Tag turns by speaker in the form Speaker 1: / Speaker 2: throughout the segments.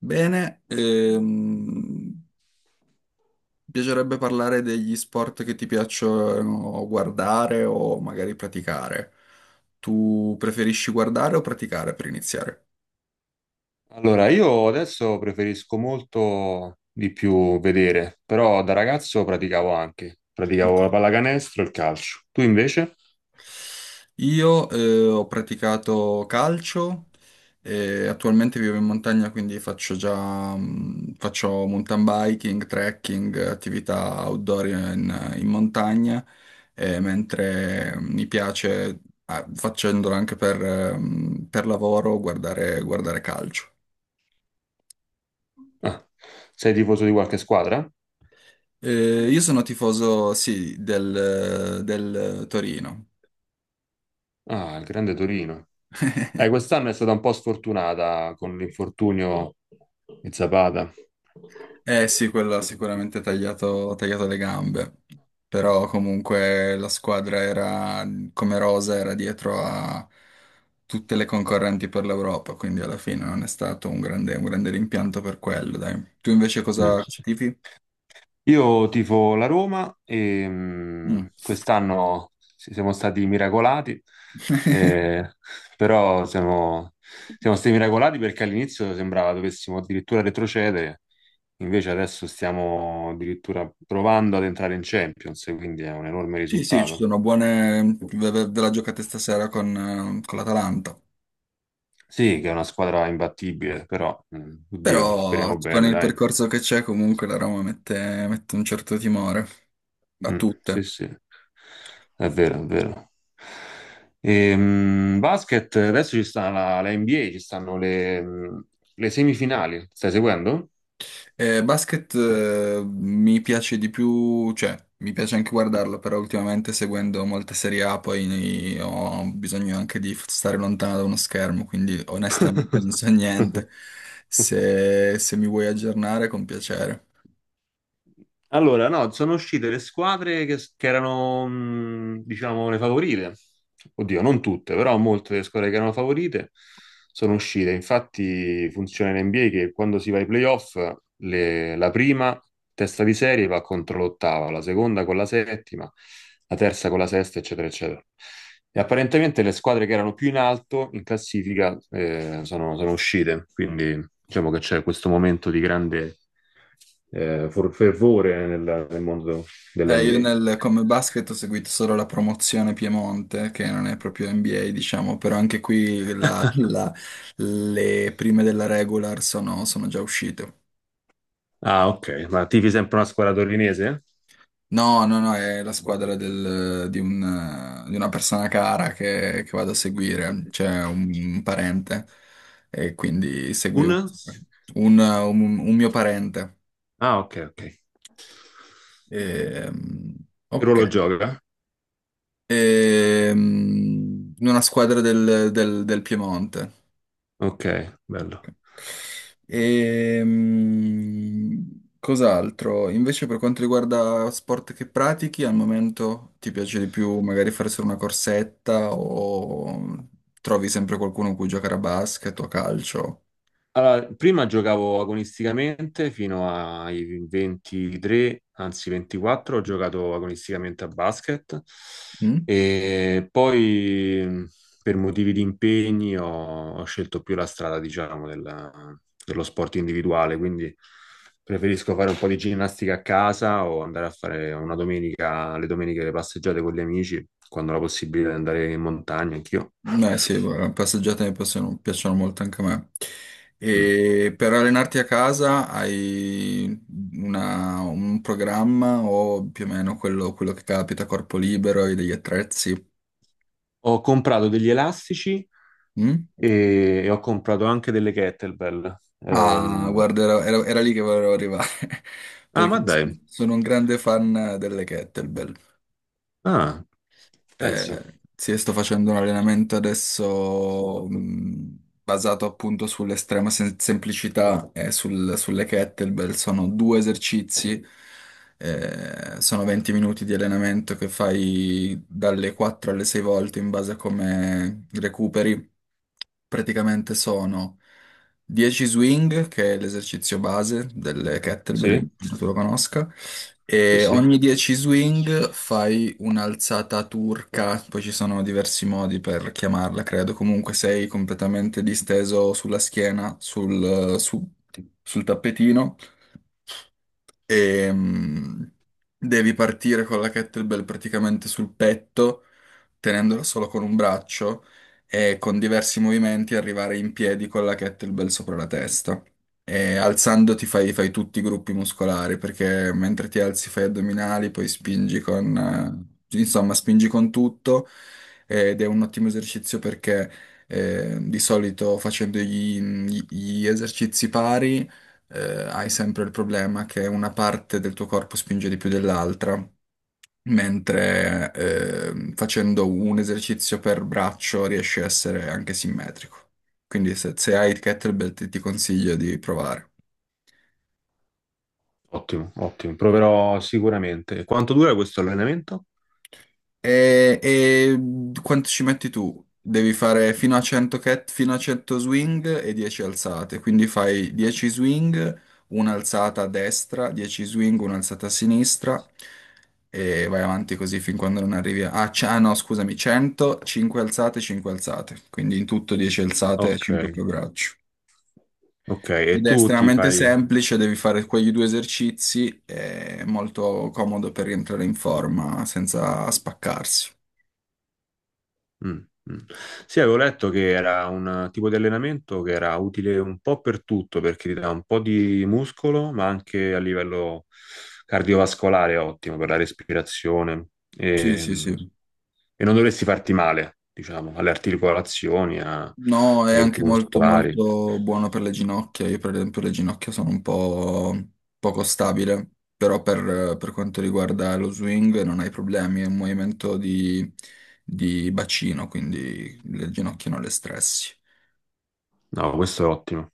Speaker 1: Bene, ehm, Piacerebbe parlare degli sport che ti piacciono guardare o magari praticare. Tu preferisci guardare o praticare per iniziare?
Speaker 2: Allora, io adesso preferisco molto di più vedere, però da ragazzo praticavo anche, praticavo
Speaker 1: Ok.
Speaker 2: la pallacanestro e il calcio. Tu invece?
Speaker 1: Io ho praticato calcio e attualmente vivo in montagna, quindi faccio già faccio mountain biking, trekking, attività outdoor in montagna, mentre mi piace, ah, facendolo anche per lavoro, guardare calcio.
Speaker 2: Ah, sei tifoso di qualche squadra?
Speaker 1: Io sono tifoso, sì, del Torino.
Speaker 2: Ah, il grande Torino. Quest'anno è stata un po' sfortunata con l'infortunio di Zapata.
Speaker 1: Eh sì, quello ha sicuramente tagliato, ha tagliato le gambe,
Speaker 2: Mm.
Speaker 1: però comunque la squadra era, come rosa, era dietro a tutte le concorrenti per l'Europa, quindi alla fine non è stato un grande rimpianto per quello, dai. Tu invece
Speaker 2: Mm.
Speaker 1: cosa tifi?
Speaker 2: Io tifo la Roma e
Speaker 1: Mm.
Speaker 2: quest'anno siamo stati miracolati, eh, però siamo, siamo stati miracolati perché all'inizio sembrava dovessimo addirittura retrocedere, invece adesso stiamo addirittura provando ad entrare in Champions, e quindi è un enorme
Speaker 1: Sì, sì, ci
Speaker 2: risultato.
Speaker 1: sono buone. Ve la giocate stasera con l'Atalanta.
Speaker 2: Sì, che è una squadra imbattibile, però oddio,
Speaker 1: Però
Speaker 2: speriamo
Speaker 1: con
Speaker 2: bene,
Speaker 1: il
Speaker 2: dai.
Speaker 1: percorso che c'è, comunque la Roma mette, mette un certo timore a
Speaker 2: Mm, sì,
Speaker 1: tutte.
Speaker 2: sì, è vero, è vero. Basket, adesso ci sta la NBA, ci stanno le le semifinali. Stai seguendo?
Speaker 1: Basket, mi piace di più, cioè mi piace anche guardarlo, però ultimamente seguendo molte serie A poi ho bisogno anche di stare lontano da uno schermo, quindi onestamente non so niente. Se mi vuoi aggiornare, con piacere.
Speaker 2: Allora, no, sono uscite le squadre che erano, diciamo, le favorite. Oddio, non tutte, però molte delle squadre che erano favorite sono uscite. Infatti funziona in NBA che quando si va ai playoff, la prima testa di serie va contro l'ottava, la seconda con la settima, la terza con la sesta, eccetera, eccetera. E apparentemente le squadre che erano più in alto in classifica sono, sono uscite, quindi diciamo che c'è questo momento di grande fervore nel mondo
Speaker 1: Io
Speaker 2: dell'NBA.
Speaker 1: nel, come basket ho seguito solo la promozione Piemonte, che non è proprio NBA, diciamo, però anche qui le prime della regular sono già uscite.
Speaker 2: Ah, ok. Ma tifi sempre una squadra torinese?
Speaker 1: No, no, è la squadra di, di una persona cara che vado a seguire, c'è un parente e quindi
Speaker 2: Un?
Speaker 1: seguivo un, un mio parente.
Speaker 2: Ah, ok, ok.
Speaker 1: Ehm,
Speaker 2: Che
Speaker 1: ok.
Speaker 2: ruolo gioca?
Speaker 1: Una squadra del, del Piemonte.
Speaker 2: Ok, bello.
Speaker 1: Cos'altro? Invece per quanto riguarda sport che pratichi, al momento ti piace di più magari fare solo una corsetta o trovi sempre qualcuno con cui giocare a basket o a calcio?
Speaker 2: Allora, prima giocavo agonisticamente fino ai 23, anzi 24, ho giocato agonisticamente a basket
Speaker 1: Mm?
Speaker 2: e poi per motivi di impegni ho scelto più la strada, diciamo, dello sport individuale, quindi preferisco fare un po' di ginnastica a casa o andare a fare una domenica, le domeniche le passeggiate con gli amici, quando ho la possibilità di andare in montagna, anch'io.
Speaker 1: Beh, sì, guarda, passeggiate mi piacciono, piacciono molto anche a me.
Speaker 2: Mm.
Speaker 1: E per allenarti a casa hai un programma o più o meno quello, quello che capita, corpo libero, hai degli attrezzi?
Speaker 2: Ho comprato degli elastici
Speaker 1: Mm?
Speaker 2: e ho comprato anche delle kettlebell.
Speaker 1: Ah, guarda, era lì che volevo arrivare,
Speaker 2: Ah, ma
Speaker 1: perché
Speaker 2: dai.
Speaker 1: sono un grande fan delle kettlebell.
Speaker 2: Ah, pensa.
Speaker 1: Sì, sto facendo un allenamento adesso basato appunto sull'estrema semplicità e sulle kettlebell. Sono due esercizi, sono 20 minuti di allenamento che fai dalle 4 alle 6 volte in base a come recuperi praticamente sono 10 swing, che è l'esercizio base delle kettlebell,
Speaker 2: Sì,
Speaker 1: immagino tu lo conosca,
Speaker 2: sì,
Speaker 1: e
Speaker 2: sì.
Speaker 1: ogni 10 swing fai un'alzata turca, poi ci sono diversi modi per chiamarla, credo, comunque sei completamente disteso sulla schiena, sul tappetino e devi partire con la kettlebell praticamente sul petto, tenendola solo con un braccio e con diversi movimenti arrivare in piedi con la kettlebell sopra la testa. E alzandoti fai tutti i gruppi muscolari perché mentre ti alzi fai addominali, poi spingi con, insomma, spingi con tutto ed è un ottimo esercizio perché di solito facendo gli esercizi pari eh, hai sempre il problema che una parte del tuo corpo spinge di più dell'altra, mentre facendo un esercizio per braccio riesci a essere anche simmetrico. Quindi se, se hai il kettlebell ti, ti consiglio di provare.
Speaker 2: Ottimo, ottimo. Proverò sicuramente. Quanto dura questo allenamento?
Speaker 1: E quanto ci metti tu? Devi fare fino a 100 cat, fino a 100 swing e 10 alzate, quindi fai 10 swing, un'alzata a destra, 10 swing, un'alzata a sinistra e vai avanti così fin quando non arrivi a... Ah, ah, no, scusami, 100, 5 alzate, 5 alzate, quindi in tutto 10 alzate e
Speaker 2: Ok,
Speaker 1: 5 per braccio.
Speaker 2: ok. E
Speaker 1: Ed è
Speaker 2: tu ti
Speaker 1: estremamente
Speaker 2: fai...
Speaker 1: semplice, devi fare quegli due esercizi, è molto comodo per rientrare in forma senza spaccarsi.
Speaker 2: Mm, mm. Sì, avevo letto che era un tipo di allenamento che era utile un po' per tutto, perché ti dà un po' di muscolo, ma anche a livello cardiovascolare è ottimo per la respirazione.
Speaker 1: Sì,
Speaker 2: E,
Speaker 1: sì, sì.
Speaker 2: e non dovresti farti male, diciamo, alle articolazioni,
Speaker 1: No, è
Speaker 2: ai gruppi
Speaker 1: anche
Speaker 2: muscolari.
Speaker 1: molto buono per le ginocchia. Io per esempio le ginocchia sono un po' poco stabile, però per quanto riguarda lo swing non hai problemi, è un movimento di bacino, quindi le ginocchia non le stressi.
Speaker 2: No, questo è ottimo.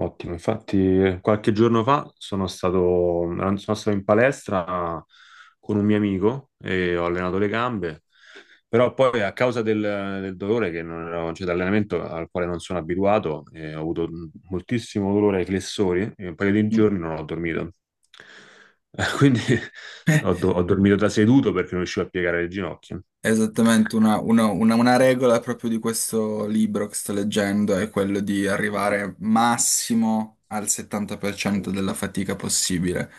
Speaker 2: Ottimo, infatti qualche giorno fa sono stato in palestra con un mio amico e ho allenato le gambe, però poi a causa del dolore che non ero, cioè dell'allenamento al quale non sono abituato, ho avuto moltissimo dolore ai flessori e un paio di
Speaker 1: Mm.
Speaker 2: giorni non ho dormito. Quindi ho dormito da seduto perché non riuscivo a piegare le ginocchia.
Speaker 1: Esattamente, una regola proprio di questo libro che sto leggendo è quello di arrivare massimo al 70% della fatica possibile,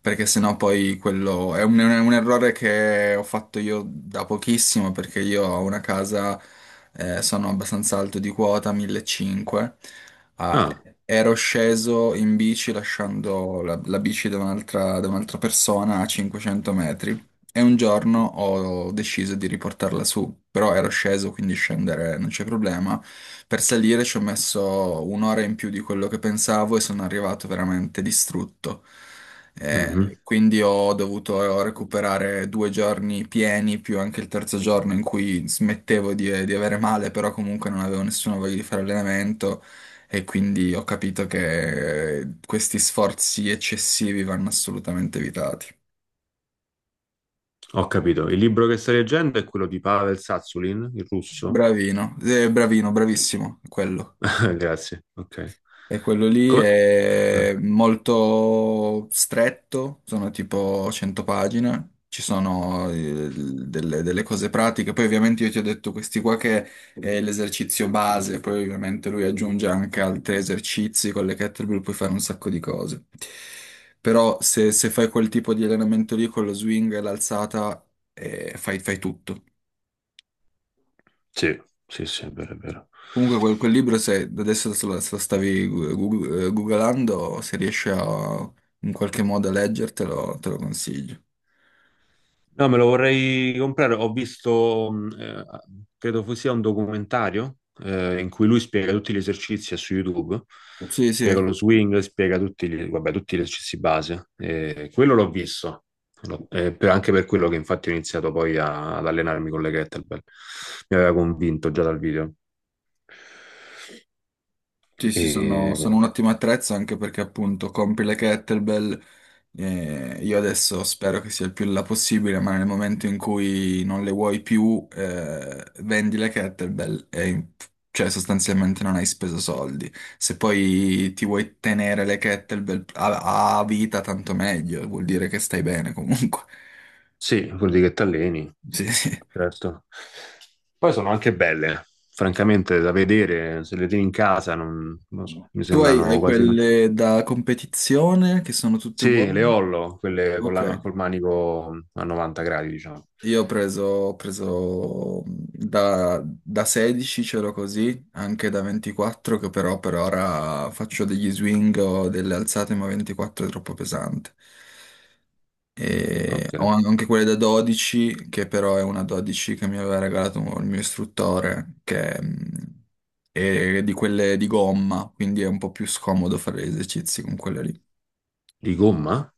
Speaker 1: perché sennò poi quello è un errore che ho fatto io da pochissimo, perché io ho una casa, sono abbastanza alto di quota, 1.500, ah,
Speaker 2: Ah,
Speaker 1: ero sceso in bici lasciando la, la bici da un'altra persona a 500 metri. E un giorno ho deciso di riportarla su, però ero sceso, quindi scendere non c'è problema. Per salire ci ho messo un'ora in più di quello che pensavo e sono arrivato veramente distrutto.
Speaker 2: mhm,
Speaker 1: Quindi ho dovuto recuperare due giorni pieni, più anche il terzo giorno in cui smettevo di avere male, però comunque non avevo nessuna voglia di fare allenamento e quindi ho capito che questi sforzi eccessivi vanno assolutamente evitati.
Speaker 2: ho capito. Il libro che stai leggendo è quello di Pavel Satsulin, il russo?
Speaker 1: Bravino, bravino, bravissimo, quello.
Speaker 2: Grazie, ok.
Speaker 1: E quello lì
Speaker 2: Come? Mm,
Speaker 1: è molto stretto, sono tipo 100 pagine, ci sono delle cose pratiche, poi ovviamente io ti ho detto questi qua che è l'esercizio base, poi ovviamente lui aggiunge anche altri esercizi, con le kettlebell puoi fare un sacco di cose. Però se, se fai quel tipo di allenamento lì con lo swing e l'alzata, fai tutto.
Speaker 2: sì, sì, sì, è vero, è vero.
Speaker 1: Comunque quel libro, se adesso se lo stavi googlando, se riesci a in qualche modo a leggertelo, te lo consiglio.
Speaker 2: No, me lo vorrei comprare. Ho visto, credo fosse un documentario in cui lui spiega tutti gli esercizi su YouTube.
Speaker 1: Sì, sì.
Speaker 2: Spiega lo swing, spiega tutti gli, vabbè, tutti gli esercizi base. Quello l'ho visto. Anche per quello che infatti ho iniziato poi ad allenarmi con le kettlebell. Mi aveva convinto già dal video.
Speaker 1: Sì, sì, sono,
Speaker 2: E
Speaker 1: sono un ottimo attrezzo anche perché appunto compri le kettlebell. Eh, io adesso spero che sia il più là possibile, ma nel momento in cui non le vuoi più, vendi le kettlebell e cioè sostanzialmente non hai speso soldi. Se poi ti vuoi tenere le kettlebell a vita, tanto meglio, vuol dire che stai bene comunque.
Speaker 2: sì, vuol dire che ti alleni,
Speaker 1: Sì, sì.
Speaker 2: certo. Poi sono anche belle, francamente, da vedere, se le tieni in casa, non, non so, mi
Speaker 1: Tu
Speaker 2: sembrano
Speaker 1: hai
Speaker 2: quasi... no.
Speaker 1: quelle da competizione che sono tutte
Speaker 2: Sì, le
Speaker 1: uguali?
Speaker 2: Hollow, quelle con
Speaker 1: Ok.
Speaker 2: col manico a 90 gradi, diciamo.
Speaker 1: Io ho preso da 16, c'ero così, anche da 24, che però per ora faccio degli swing o delle alzate, ma 24 è troppo pesante. E
Speaker 2: Ok.
Speaker 1: ho anche quelle da 12, che però è una 12 che mi aveva regalato il mio istruttore, che è di quelle di gomma, quindi è un po' più scomodo fare gli esercizi con quelle lì.
Speaker 2: Di gomma?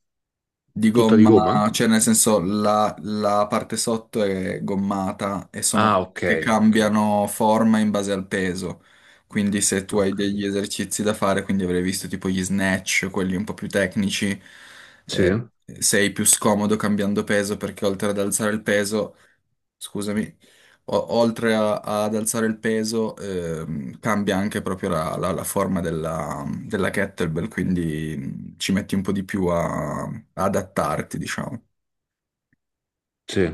Speaker 1: Di
Speaker 2: Tutta di gomma?
Speaker 1: gomma, cioè nel senso la parte sotto è gommata e sono
Speaker 2: Ah,
Speaker 1: quelle
Speaker 2: ok,
Speaker 1: che
Speaker 2: ok.
Speaker 1: cambiano forma in base al peso. Quindi se tu
Speaker 2: Ho
Speaker 1: hai degli
Speaker 2: capito.
Speaker 1: esercizi da fare, quindi avrei visto tipo gli snatch, quelli un po' più tecnici,
Speaker 2: Sì,
Speaker 1: eh, sei più scomodo cambiando peso perché oltre ad alzare il peso scusami, ad alzare il peso, cambia anche proprio la, la forma della, della kettlebell, quindi ci metti un po' di più a, a adattarti, diciamo.
Speaker 2: sì.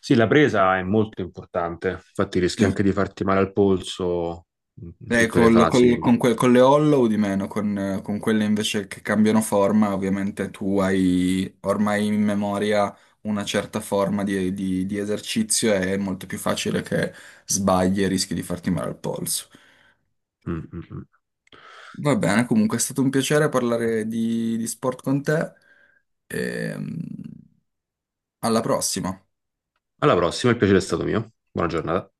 Speaker 2: Sì, la presa è molto importante, infatti rischi
Speaker 1: Sì.
Speaker 2: anche di farti male al polso in in tutte le fasi.
Speaker 1: Con le hollow di meno, con quelle invece che cambiano forma, ovviamente tu hai ormai in memoria una certa forma di, di esercizio e è molto più facile che sbagli e rischi di farti male al polso.
Speaker 2: Mm, mm, mm.
Speaker 1: Va bene, comunque è stato un piacere parlare di sport con te. E, mm, alla prossima.
Speaker 2: Alla prossima, il piacere è stato mio. Buona giornata.